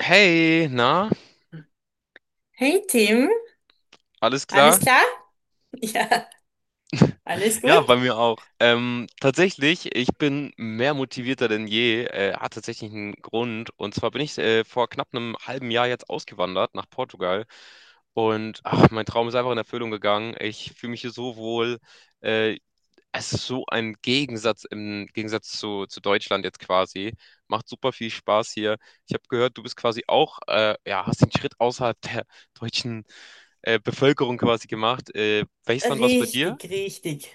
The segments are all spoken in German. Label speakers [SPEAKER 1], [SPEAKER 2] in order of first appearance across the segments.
[SPEAKER 1] Hey, na,
[SPEAKER 2] Hey Tim,
[SPEAKER 1] alles
[SPEAKER 2] alles
[SPEAKER 1] klar?
[SPEAKER 2] klar? Ja, alles
[SPEAKER 1] Ja,
[SPEAKER 2] gut?
[SPEAKER 1] bei mir auch. Tatsächlich, ich bin mehr motivierter denn je. Hat tatsächlich einen Grund. Und zwar bin ich vor knapp einem halben Jahr jetzt ausgewandert nach Portugal. Und ach, mein Traum ist einfach in Erfüllung gegangen. Ich fühle mich hier so wohl. Äh, Es ist so ein Gegensatz im Gegensatz zu Deutschland jetzt quasi. Macht super viel Spaß hier. Ich habe gehört, du bist quasi auch, ja, hast den Schritt außerhalb der deutschen Bevölkerung quasi gemacht. Welches Land war es bei dir?
[SPEAKER 2] Richtig, richtig,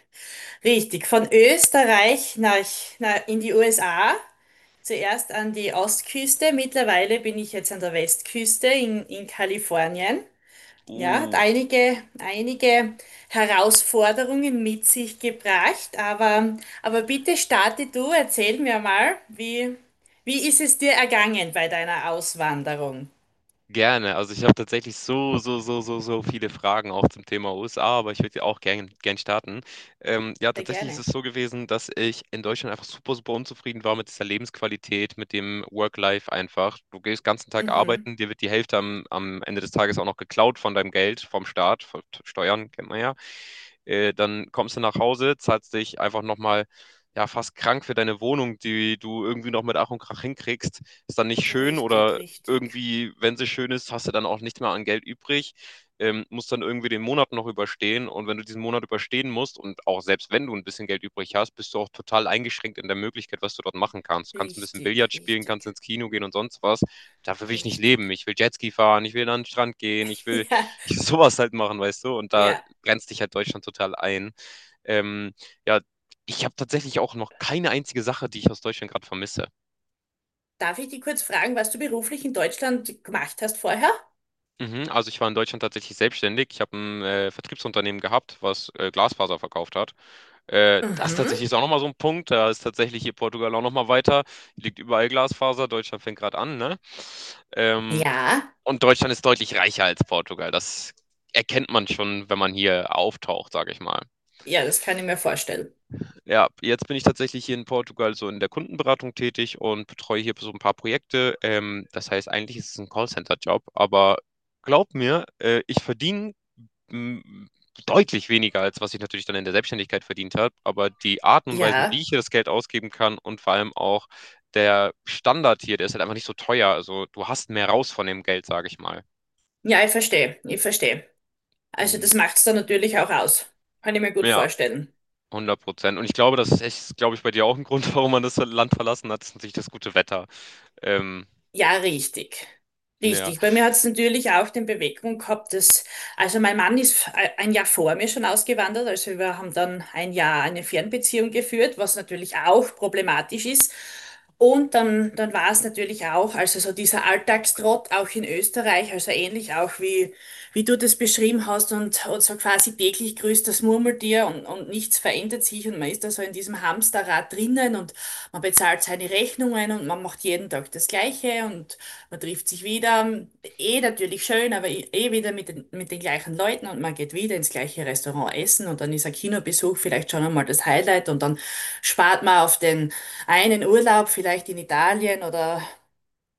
[SPEAKER 2] richtig. Von Österreich nach, nach in die USA. Zuerst an die Ostküste. Mittlerweile bin ich jetzt an der Westküste in Kalifornien. Ja, hat
[SPEAKER 1] Uh,
[SPEAKER 2] einige Herausforderungen mit sich gebracht, aber bitte starte du, erzähl mir mal, wie ist es dir ergangen bei deiner Auswanderung?
[SPEAKER 1] Gerne. Also ich habe tatsächlich so viele Fragen auch zum Thema USA, aber ich würde auch gern starten. Ja,
[SPEAKER 2] Sehr
[SPEAKER 1] tatsächlich ist
[SPEAKER 2] gerne.
[SPEAKER 1] es so gewesen, dass ich in Deutschland einfach super, super unzufrieden war mit dieser Lebensqualität, mit dem Work-Life einfach. Du gehst den ganzen Tag
[SPEAKER 2] Mhm.
[SPEAKER 1] arbeiten, dir wird die Hälfte am Ende des Tages auch noch geklaut von deinem Geld, vom Staat, von Steuern, kennt man ja. Dann kommst du nach Hause, zahlst dich einfach nochmal, ja, fast krank für deine Wohnung, die du irgendwie noch mit Ach und Krach hinkriegst. Ist dann nicht schön,
[SPEAKER 2] Richtig,
[SPEAKER 1] oder
[SPEAKER 2] richtig,
[SPEAKER 1] irgendwie, wenn sie schön ist, hast du dann auch nicht mehr an Geld übrig. Musst dann irgendwie den Monat noch überstehen. Und wenn du diesen Monat überstehen musst und auch selbst wenn du ein bisschen Geld übrig hast, bist du auch total eingeschränkt in der Möglichkeit, was du dort machen kannst. Du kannst ein bisschen
[SPEAKER 2] richtig,
[SPEAKER 1] Billard spielen, kannst
[SPEAKER 2] richtig,
[SPEAKER 1] ins Kino gehen und sonst was. Dafür will ich nicht leben.
[SPEAKER 2] richtig.
[SPEAKER 1] Ich will Jetski fahren, ich will an den Strand gehen, ich will
[SPEAKER 2] Ja,
[SPEAKER 1] ich will sowas halt machen, weißt du? Und da
[SPEAKER 2] ja.
[SPEAKER 1] grenzt dich halt Deutschland total ein. Ähm, ja, ich habe tatsächlich auch noch keine einzige Sache, die ich aus Deutschland gerade vermisse.
[SPEAKER 2] Darf ich dich kurz fragen, was du beruflich in Deutschland gemacht hast vorher?
[SPEAKER 1] Mhm, also ich war in Deutschland tatsächlich selbstständig. Ich habe ein Vertriebsunternehmen gehabt, was Glasfaser verkauft hat. Das
[SPEAKER 2] Mhm.
[SPEAKER 1] tatsächlich ist auch nochmal so ein Punkt. Da ist tatsächlich hier Portugal auch nochmal weiter. Liegt überall Glasfaser. Deutschland fängt gerade an, ne? Ähm,
[SPEAKER 2] Ja,
[SPEAKER 1] und Deutschland ist deutlich reicher als Portugal. Das erkennt man schon, wenn man hier auftaucht, sage ich mal.
[SPEAKER 2] ja, das kann ich mir vorstellen.
[SPEAKER 1] Ja, jetzt bin ich tatsächlich hier in Portugal so in der Kundenberatung tätig und betreue hier so ein paar Projekte. Das heißt, eigentlich ist es ein Callcenter-Job, aber glaub mir, ich verdiene m, deutlich weniger, als was ich natürlich dann in der Selbstständigkeit verdient habe. Aber die Arten und Weisen, wie
[SPEAKER 2] Ja,
[SPEAKER 1] ich hier das Geld ausgeben kann und vor allem auch der Standard hier, der ist halt einfach nicht so teuer. Also du hast mehr raus von dem Geld, sage ich mal.
[SPEAKER 2] ja, ich verstehe, ich verstehe. Also
[SPEAKER 1] Mhm.
[SPEAKER 2] das macht es dann natürlich auch aus. Kann ich mir gut
[SPEAKER 1] Ja.
[SPEAKER 2] vorstellen.
[SPEAKER 1] 100%. Und ich glaube, das ist, echt, glaube ich, bei dir auch ein Grund, warum man das Land verlassen hat, ist natürlich das gute Wetter. Ähm,
[SPEAKER 2] Ja, richtig.
[SPEAKER 1] Ja,
[SPEAKER 2] Richtig. Bei mir hat es natürlich auch den Beweggrund gehabt, dass also mein Mann ist ein Jahr vor mir schon ausgewandert, also wir haben dann ein Jahr eine Fernbeziehung geführt, was natürlich auch problematisch ist. Und dann war es natürlich auch, also so dieser Alltagstrott auch in Österreich, also ähnlich auch wie du das beschrieben hast, und so quasi täglich grüßt das Murmeltier, und nichts verändert sich, und man ist da so in diesem Hamsterrad drinnen, und man bezahlt seine Rechnungen, und man macht jeden Tag das Gleiche, und man trifft sich wieder. Eh natürlich schön, aber eh wieder mit den gleichen Leuten, und man geht wieder ins gleiche Restaurant essen, und dann ist ein Kinobesuch vielleicht schon einmal das Highlight, und dann spart man auf den einen Urlaub vielleicht in Italien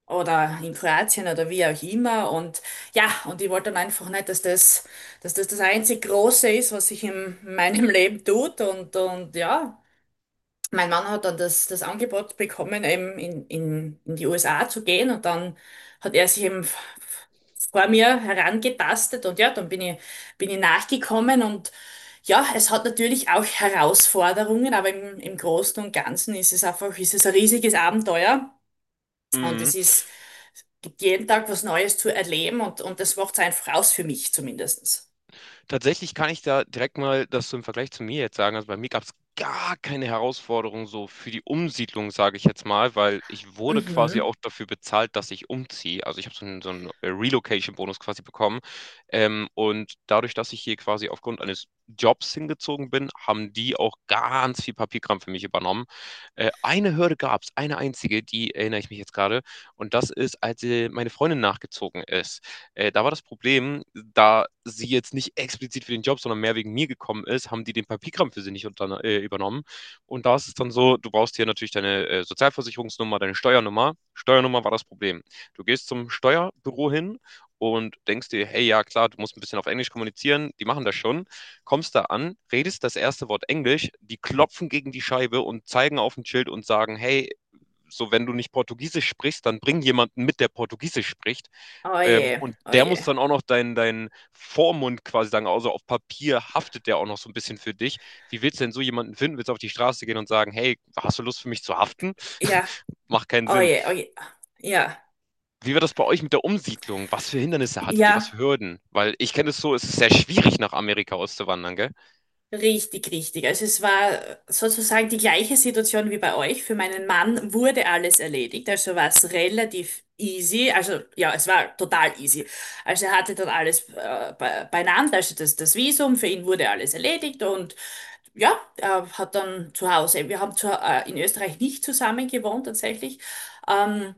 [SPEAKER 2] oder in Kroatien oder wie auch immer. Und ja, und ich wollte dann einfach nicht, dass das das einzig Große ist, was sich in meinem Leben tut. Und ja, mein Mann hat dann das, das Angebot bekommen, eben in die USA zu gehen. Und dann hat er sich eben vor mir herangetastet, und ja, dann bin ich nachgekommen. Und ja, es hat natürlich auch Herausforderungen, aber im Großen und Ganzen ist es einfach, ist es ein riesiges Abenteuer. Und
[SPEAKER 1] mhm.
[SPEAKER 2] es gibt jeden Tag was Neues zu erleben, und das macht's einfach aus, für mich zumindest.
[SPEAKER 1] Tatsächlich kann ich da direkt mal das so im Vergleich zu mir jetzt sagen. Also bei mir gab's gar keine Herausforderung so für die Umsiedlung, sage ich jetzt mal, weil ich wurde quasi
[SPEAKER 2] Mhm.
[SPEAKER 1] auch dafür bezahlt, dass ich umziehe. Also ich habe so 'n Relocation-Bonus quasi bekommen. Und dadurch, dass ich hier quasi aufgrund eines Jobs hingezogen bin, haben die auch ganz viel Papierkram für mich übernommen. Eine Hürde gab's, eine einzige, die erinnere ich mich jetzt gerade, und das ist, als meine Freundin nachgezogen ist. Da war das Problem, da sie jetzt nicht explizit für den Job, sondern mehr wegen mir gekommen ist, haben die den Papierkram für sie nicht übernommen. Und da ist es dann so, du brauchst hier natürlich deine Sozialversicherungsnummer, deine Steuernummer. Steuernummer war das Problem. Du gehst zum Steuerbüro hin und denkst dir, hey, ja klar, du musst ein bisschen auf Englisch kommunizieren, die machen das schon. Kommst da an, redest das erste Wort Englisch, die klopfen gegen die Scheibe und zeigen auf ein Schild und sagen, hey, so, wenn du nicht Portugiesisch sprichst, dann bring jemanden mit, der Portugiesisch spricht.
[SPEAKER 2] Oh je,
[SPEAKER 1] Und
[SPEAKER 2] oh
[SPEAKER 1] der muss
[SPEAKER 2] je.
[SPEAKER 1] dann auch noch dein Vormund quasi sagen, also auf Papier haftet der auch noch so ein bisschen für dich. Wie willst du denn so jemanden finden? Willst du auf die Straße gehen und sagen, hey, hast du Lust für mich zu haften?
[SPEAKER 2] Ja,
[SPEAKER 1] Macht keinen
[SPEAKER 2] oh
[SPEAKER 1] Sinn.
[SPEAKER 2] je, oh je. Ja,
[SPEAKER 1] Wie war das bei euch mit der Umsiedlung? Was für Hindernisse hattet ihr? Was für
[SPEAKER 2] ja,
[SPEAKER 1] Hürden? Weil ich kenne es so, es ist sehr schwierig, nach Amerika auszuwandern, gell?
[SPEAKER 2] richtig, richtig. Also es war sozusagen die gleiche Situation wie bei euch. Für meinen Mann wurde alles erledigt, also war es relativ easy. Also ja, es war total easy. Also er hatte dann alles be beieinander, also das Visum, für ihn wurde alles erledigt. Und ja, er hat dann zu Hause, wir haben in Österreich nicht zusammen gewohnt tatsächlich. ähm,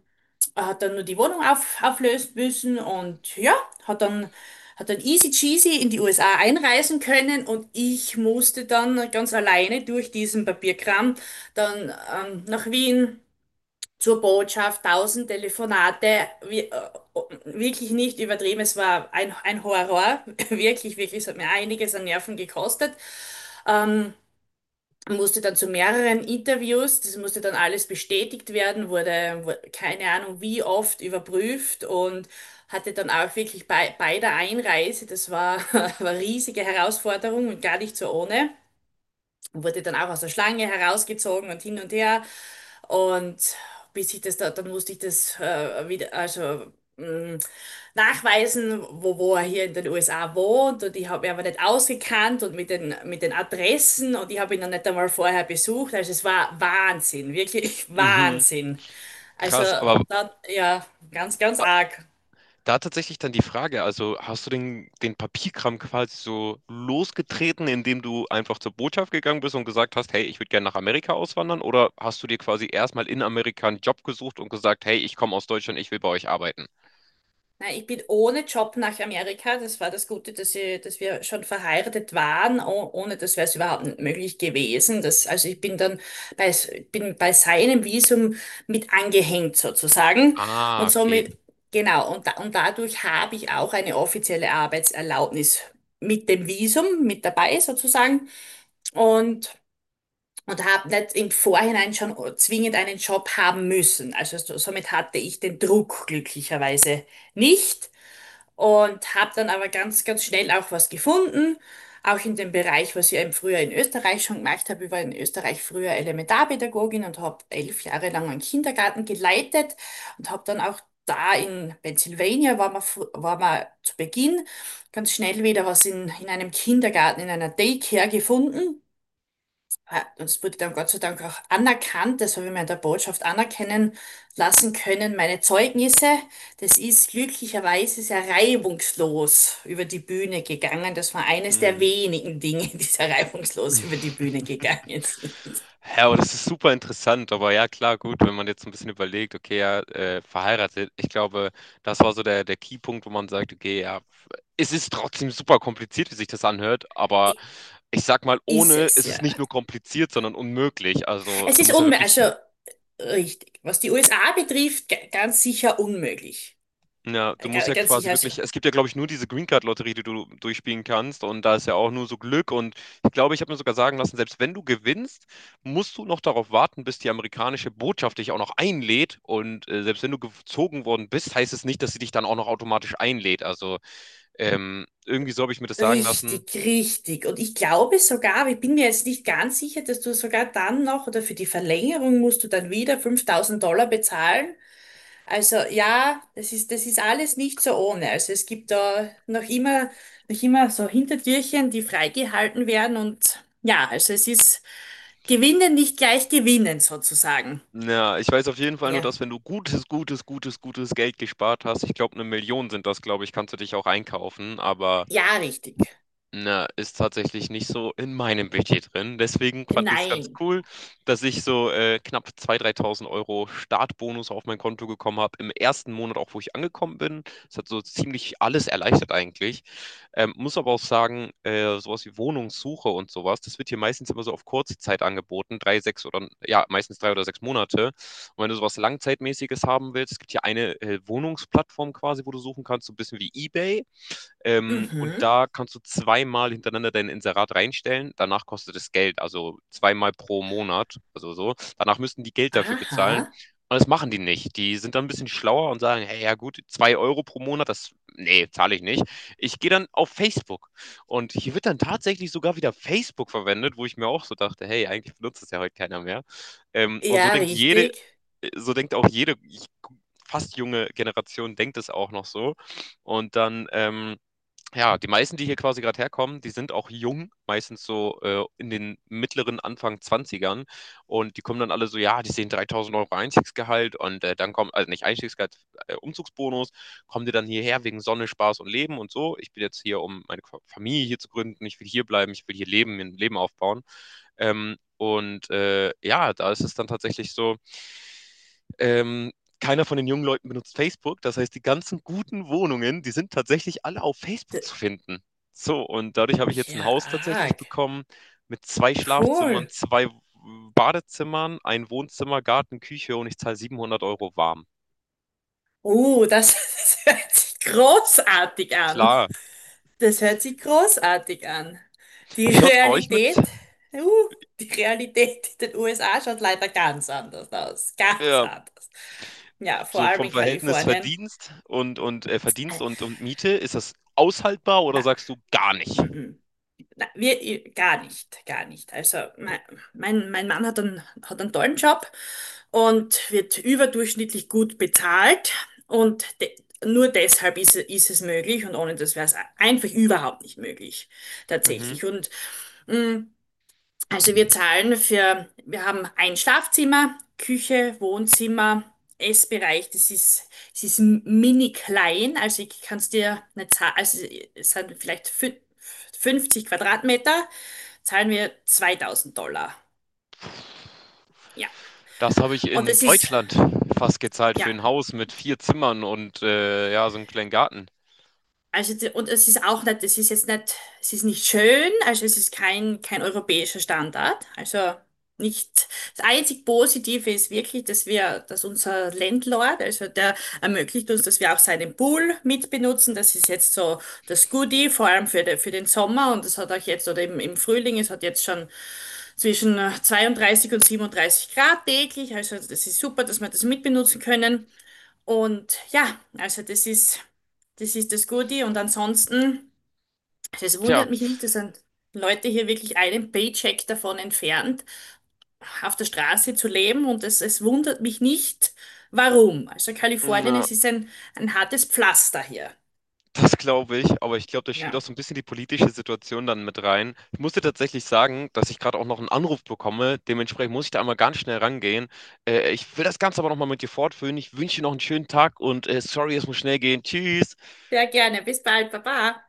[SPEAKER 2] Er hat dann nur die Wohnung auflösen müssen, und ja, hat dann, hat dann easy cheesy in die USA einreisen können. Und ich musste dann ganz alleine durch diesen Papierkram dann nach Wien zur Botschaft, 1000 Telefonate, wirklich nicht übertrieben, es war ein Horror, wirklich, wirklich, es hat mir einiges an Nerven gekostet. Ähm, Musste dann zu mehreren Interviews, das musste dann alles bestätigt werden, wurde keine Ahnung wie oft überprüft. Und hatte dann auch wirklich bei der Einreise, das war, war eine riesige Herausforderung und gar nicht so ohne, und wurde dann auch aus der Schlange herausgezogen und hin und her. Und bis ich das da, dann musste ich das wieder, also mh, nachweisen, wo er hier in den USA wohnt. Und ich habe ihn aber nicht ausgekannt und mit den Adressen, und ich habe ihn noch nicht einmal vorher besucht. Also es war Wahnsinn, wirklich
[SPEAKER 1] Mhm,
[SPEAKER 2] Wahnsinn. Also
[SPEAKER 1] krass, aber
[SPEAKER 2] da, ja, ganz, ganz arg.
[SPEAKER 1] da tatsächlich dann die Frage, also hast du den Papierkram quasi so losgetreten, indem du einfach zur Botschaft gegangen bist und gesagt hast, hey, ich würde gerne nach Amerika auswandern? Oder hast du dir quasi erstmal in Amerika einen Job gesucht und gesagt, hey, ich komme aus Deutschland, ich will bei euch arbeiten?
[SPEAKER 2] Nein, ich bin ohne Job nach Amerika. Das war das Gute, dass wir schon verheiratet waren. Oh, Ohne das wäre es überhaupt nicht möglich gewesen. Das, also ich bin dann bei, bin bei seinem Visum mit angehängt sozusagen.
[SPEAKER 1] Ah,
[SPEAKER 2] Und
[SPEAKER 1] okay.
[SPEAKER 2] somit, genau, und dadurch habe ich auch eine offizielle Arbeitserlaubnis mit dem Visum mit dabei sozusagen. Und Und habe nicht im Vorhinein schon zwingend einen Job haben müssen. Also somit hatte ich den Druck glücklicherweise nicht, und habe dann aber ganz, ganz schnell auch was gefunden. Auch in dem Bereich, was ich eben früher in Österreich schon gemacht habe. Ich war in Österreich früher Elementarpädagogin und habe 11 Jahre lang einen Kindergarten geleitet, und habe dann auch da in Pennsylvania war war man zu Beginn ganz schnell wieder was in einem Kindergarten, in einer Daycare gefunden. Ah, das wurde dann Gott sei Dank auch anerkannt, das habe ich mir in der Botschaft anerkennen lassen können, meine Zeugnisse. Das ist glücklicherweise sehr reibungslos über die Bühne gegangen. Das war eines der wenigen Dinge, die sehr reibungslos über die Bühne gegangen sind.
[SPEAKER 1] Ja, aber das ist super interessant. Aber ja, klar, gut, wenn man jetzt ein bisschen überlegt, okay, ja, verheiratet, ich glaube, das war so der Keypunkt, wo man sagt, okay, ja, es ist trotzdem super kompliziert, wie sich das anhört, aber
[SPEAKER 2] I-
[SPEAKER 1] ich sag mal,
[SPEAKER 2] Ist
[SPEAKER 1] ohne
[SPEAKER 2] es
[SPEAKER 1] ist
[SPEAKER 2] ja.
[SPEAKER 1] es nicht nur kompliziert, sondern unmöglich. Also,
[SPEAKER 2] Es
[SPEAKER 1] du
[SPEAKER 2] ist
[SPEAKER 1] musst ja
[SPEAKER 2] unmöglich,
[SPEAKER 1] wirklich.
[SPEAKER 2] also richtig. Was die USA betrifft, ganz sicher unmöglich.
[SPEAKER 1] Ja, du musst ja
[SPEAKER 2] Ganz sicher,
[SPEAKER 1] quasi
[SPEAKER 2] also
[SPEAKER 1] wirklich, es gibt ja, glaube ich, nur diese Green Card Lotterie, die du durchspielen kannst, und da ist ja auch nur so Glück, und ich glaube, ich habe mir sogar sagen lassen, selbst wenn du gewinnst, musst du noch darauf warten, bis die amerikanische Botschaft dich auch noch einlädt, und selbst wenn du gezogen worden bist, heißt es nicht, dass sie dich dann auch noch automatisch einlädt. Also, irgendwie so habe ich mir das sagen lassen.
[SPEAKER 2] richtig, richtig. Und ich glaube sogar, aber ich bin mir jetzt nicht ganz sicher, dass du sogar dann noch oder für die Verlängerung musst du dann wieder $5000 bezahlen. Also ja, das ist alles nicht so ohne. Also es gibt da noch immer so Hintertürchen, die freigehalten werden. Und ja, also es ist Gewinnen nicht gleich gewinnen sozusagen.
[SPEAKER 1] Ja, ich weiß auf jeden Fall nur,
[SPEAKER 2] Ja,
[SPEAKER 1] dass, wenn du gutes, gutes, gutes, gutes Geld gespart hast, ich glaube, 1.000.000 sind das, glaube ich, kannst du dich auch einkaufen, aber
[SPEAKER 2] ja, richtig.
[SPEAKER 1] na, ist tatsächlich nicht so in meinem Budget drin. Deswegen fand ich es ganz
[SPEAKER 2] Nein.
[SPEAKER 1] cool, dass ich so knapp 3000 Euro Startbonus auf mein Konto gekommen habe. Im ersten Monat auch, wo ich angekommen bin. Es hat so ziemlich alles erleichtert eigentlich. Muss aber auch sagen, sowas wie Wohnungssuche und sowas, das wird hier meistens immer so auf kurze Zeit angeboten. Drei, sechs oder, ja, meistens 3 oder 6 Monate. Und wenn du sowas Langzeitmäßiges haben willst, es gibt hier eine Wohnungsplattform quasi, wo du suchen kannst, so ein bisschen wie eBay. Und
[SPEAKER 2] Mhm.
[SPEAKER 1] da kannst du zweimal hintereinander dein Inserat reinstellen. Danach kostet es Geld, also zweimal pro Monat, also so. Danach müssten die Geld dafür bezahlen.
[SPEAKER 2] Aha.
[SPEAKER 1] Und das machen die nicht. Die sind dann ein bisschen schlauer und sagen, hey, ja gut, 2 Euro pro Monat, das, nee, zahle ich nicht. Ich gehe dann auf Facebook. Und hier wird dann tatsächlich sogar wieder Facebook verwendet, wo ich mir auch so dachte, hey, eigentlich benutzt es ja heute keiner mehr. Und
[SPEAKER 2] Ja, richtig.
[SPEAKER 1] so denkt auch jede fast junge Generation denkt es auch noch so. Und dann, ja, die meisten, die hier quasi gerade herkommen, die sind auch jung, meistens so in den mittleren Anfang Zwanzigern. Und die kommen dann alle so, ja, die sehen 3000 Euro Einstiegsgehalt und dann kommen, also nicht Einstiegsgehalt, Umzugsbonus, kommen die dann hierher wegen Sonne, Spaß und Leben und so. Ich bin jetzt hier, um meine Familie hier zu gründen, ich will hier bleiben, ich will hier leben, mir ein Leben aufbauen. Und ja, da ist es dann tatsächlich so, ähm, keiner von den jungen Leuten benutzt Facebook. Das heißt, die ganzen guten Wohnungen, die sind tatsächlich alle auf
[SPEAKER 2] D-
[SPEAKER 1] Facebook zu finden. So, und dadurch habe ich jetzt ein
[SPEAKER 2] Ja,
[SPEAKER 1] Haus tatsächlich
[SPEAKER 2] arg.
[SPEAKER 1] bekommen mit zwei
[SPEAKER 2] Cool.
[SPEAKER 1] Schlafzimmern, zwei Badezimmern, ein Wohnzimmer, Garten, Küche, und ich zahle 700 Euro warm.
[SPEAKER 2] Oh, das, das hört sich großartig an.
[SPEAKER 1] Klar.
[SPEAKER 2] Das hört sich großartig an. Die
[SPEAKER 1] Wie schaut es bei euch mit?
[SPEAKER 2] Realität, uh, die Realität in den USA schaut leider ganz anders aus. Ganz
[SPEAKER 1] Ja,
[SPEAKER 2] anders. Ja, vor
[SPEAKER 1] so
[SPEAKER 2] allem
[SPEAKER 1] vom
[SPEAKER 2] in
[SPEAKER 1] Verhältnis
[SPEAKER 2] Kalifornien.
[SPEAKER 1] Verdienst und
[SPEAKER 2] Äh,
[SPEAKER 1] Miete, ist das aushaltbar oder
[SPEAKER 2] Na,
[SPEAKER 1] sagst du gar nicht?
[SPEAKER 2] mm, mm. Na, gar nicht, gar nicht. Also mein Mann hat hat einen tollen Job und wird überdurchschnittlich gut bezahlt, und de nur deshalb ist es möglich, und ohne das wäre es einfach überhaupt nicht möglich,
[SPEAKER 1] Mhm.
[SPEAKER 2] tatsächlich. Und mh, also wir zahlen für, wir haben ein Schlafzimmer, Küche, Wohnzimmer, Essbereich. Das ist, es ist mini klein. Also ich kann es dir nicht zahlen. Also es sind vielleicht 50 Quadratmeter, zahlen wir $2000. Ja.
[SPEAKER 1] Das habe ich
[SPEAKER 2] Und
[SPEAKER 1] in
[SPEAKER 2] das ist,
[SPEAKER 1] Deutschland fast gezahlt für
[SPEAKER 2] ja,
[SPEAKER 1] ein Haus mit 4 Zimmern und, ja, so einen kleinen Garten.
[SPEAKER 2] also, und es ist auch nicht, es ist jetzt nicht, es ist nicht schön, also es ist kein europäischer Standard. Also nicht, das einzig Positive ist wirklich, dass unser Landlord, also der ermöglicht uns, dass wir auch seinen Pool mitbenutzen. Das ist jetzt so das Goodie, vor allem für, für den Sommer, und das hat auch jetzt, oder im Frühling, es hat jetzt schon zwischen 32 und 37 Grad täglich. Also das ist super, dass wir das mitbenutzen können. Und ja, also das ist. Das ist das Gute. Und ansonsten, also es
[SPEAKER 1] Tja,
[SPEAKER 2] wundert mich nicht, dass sind Leute hier wirklich einen Paycheck davon entfernt, auf der Straße zu leben. Und es wundert mich nicht, warum. Also Kalifornien,
[SPEAKER 1] na,
[SPEAKER 2] es ist ein hartes Pflaster hier.
[SPEAKER 1] das glaube ich, aber ich glaube, da spielt
[SPEAKER 2] Ja.
[SPEAKER 1] auch so ein bisschen die politische Situation dann mit rein. Ich musste tatsächlich sagen, dass ich gerade auch noch einen Anruf bekomme. Dementsprechend muss ich da einmal ganz schnell rangehen. Ich will das Ganze aber noch mal mit dir fortführen. Ich wünsche dir noch einen schönen Tag und, sorry, es muss schnell gehen. Tschüss.
[SPEAKER 2] Sehr gerne. Bis bald. Baba.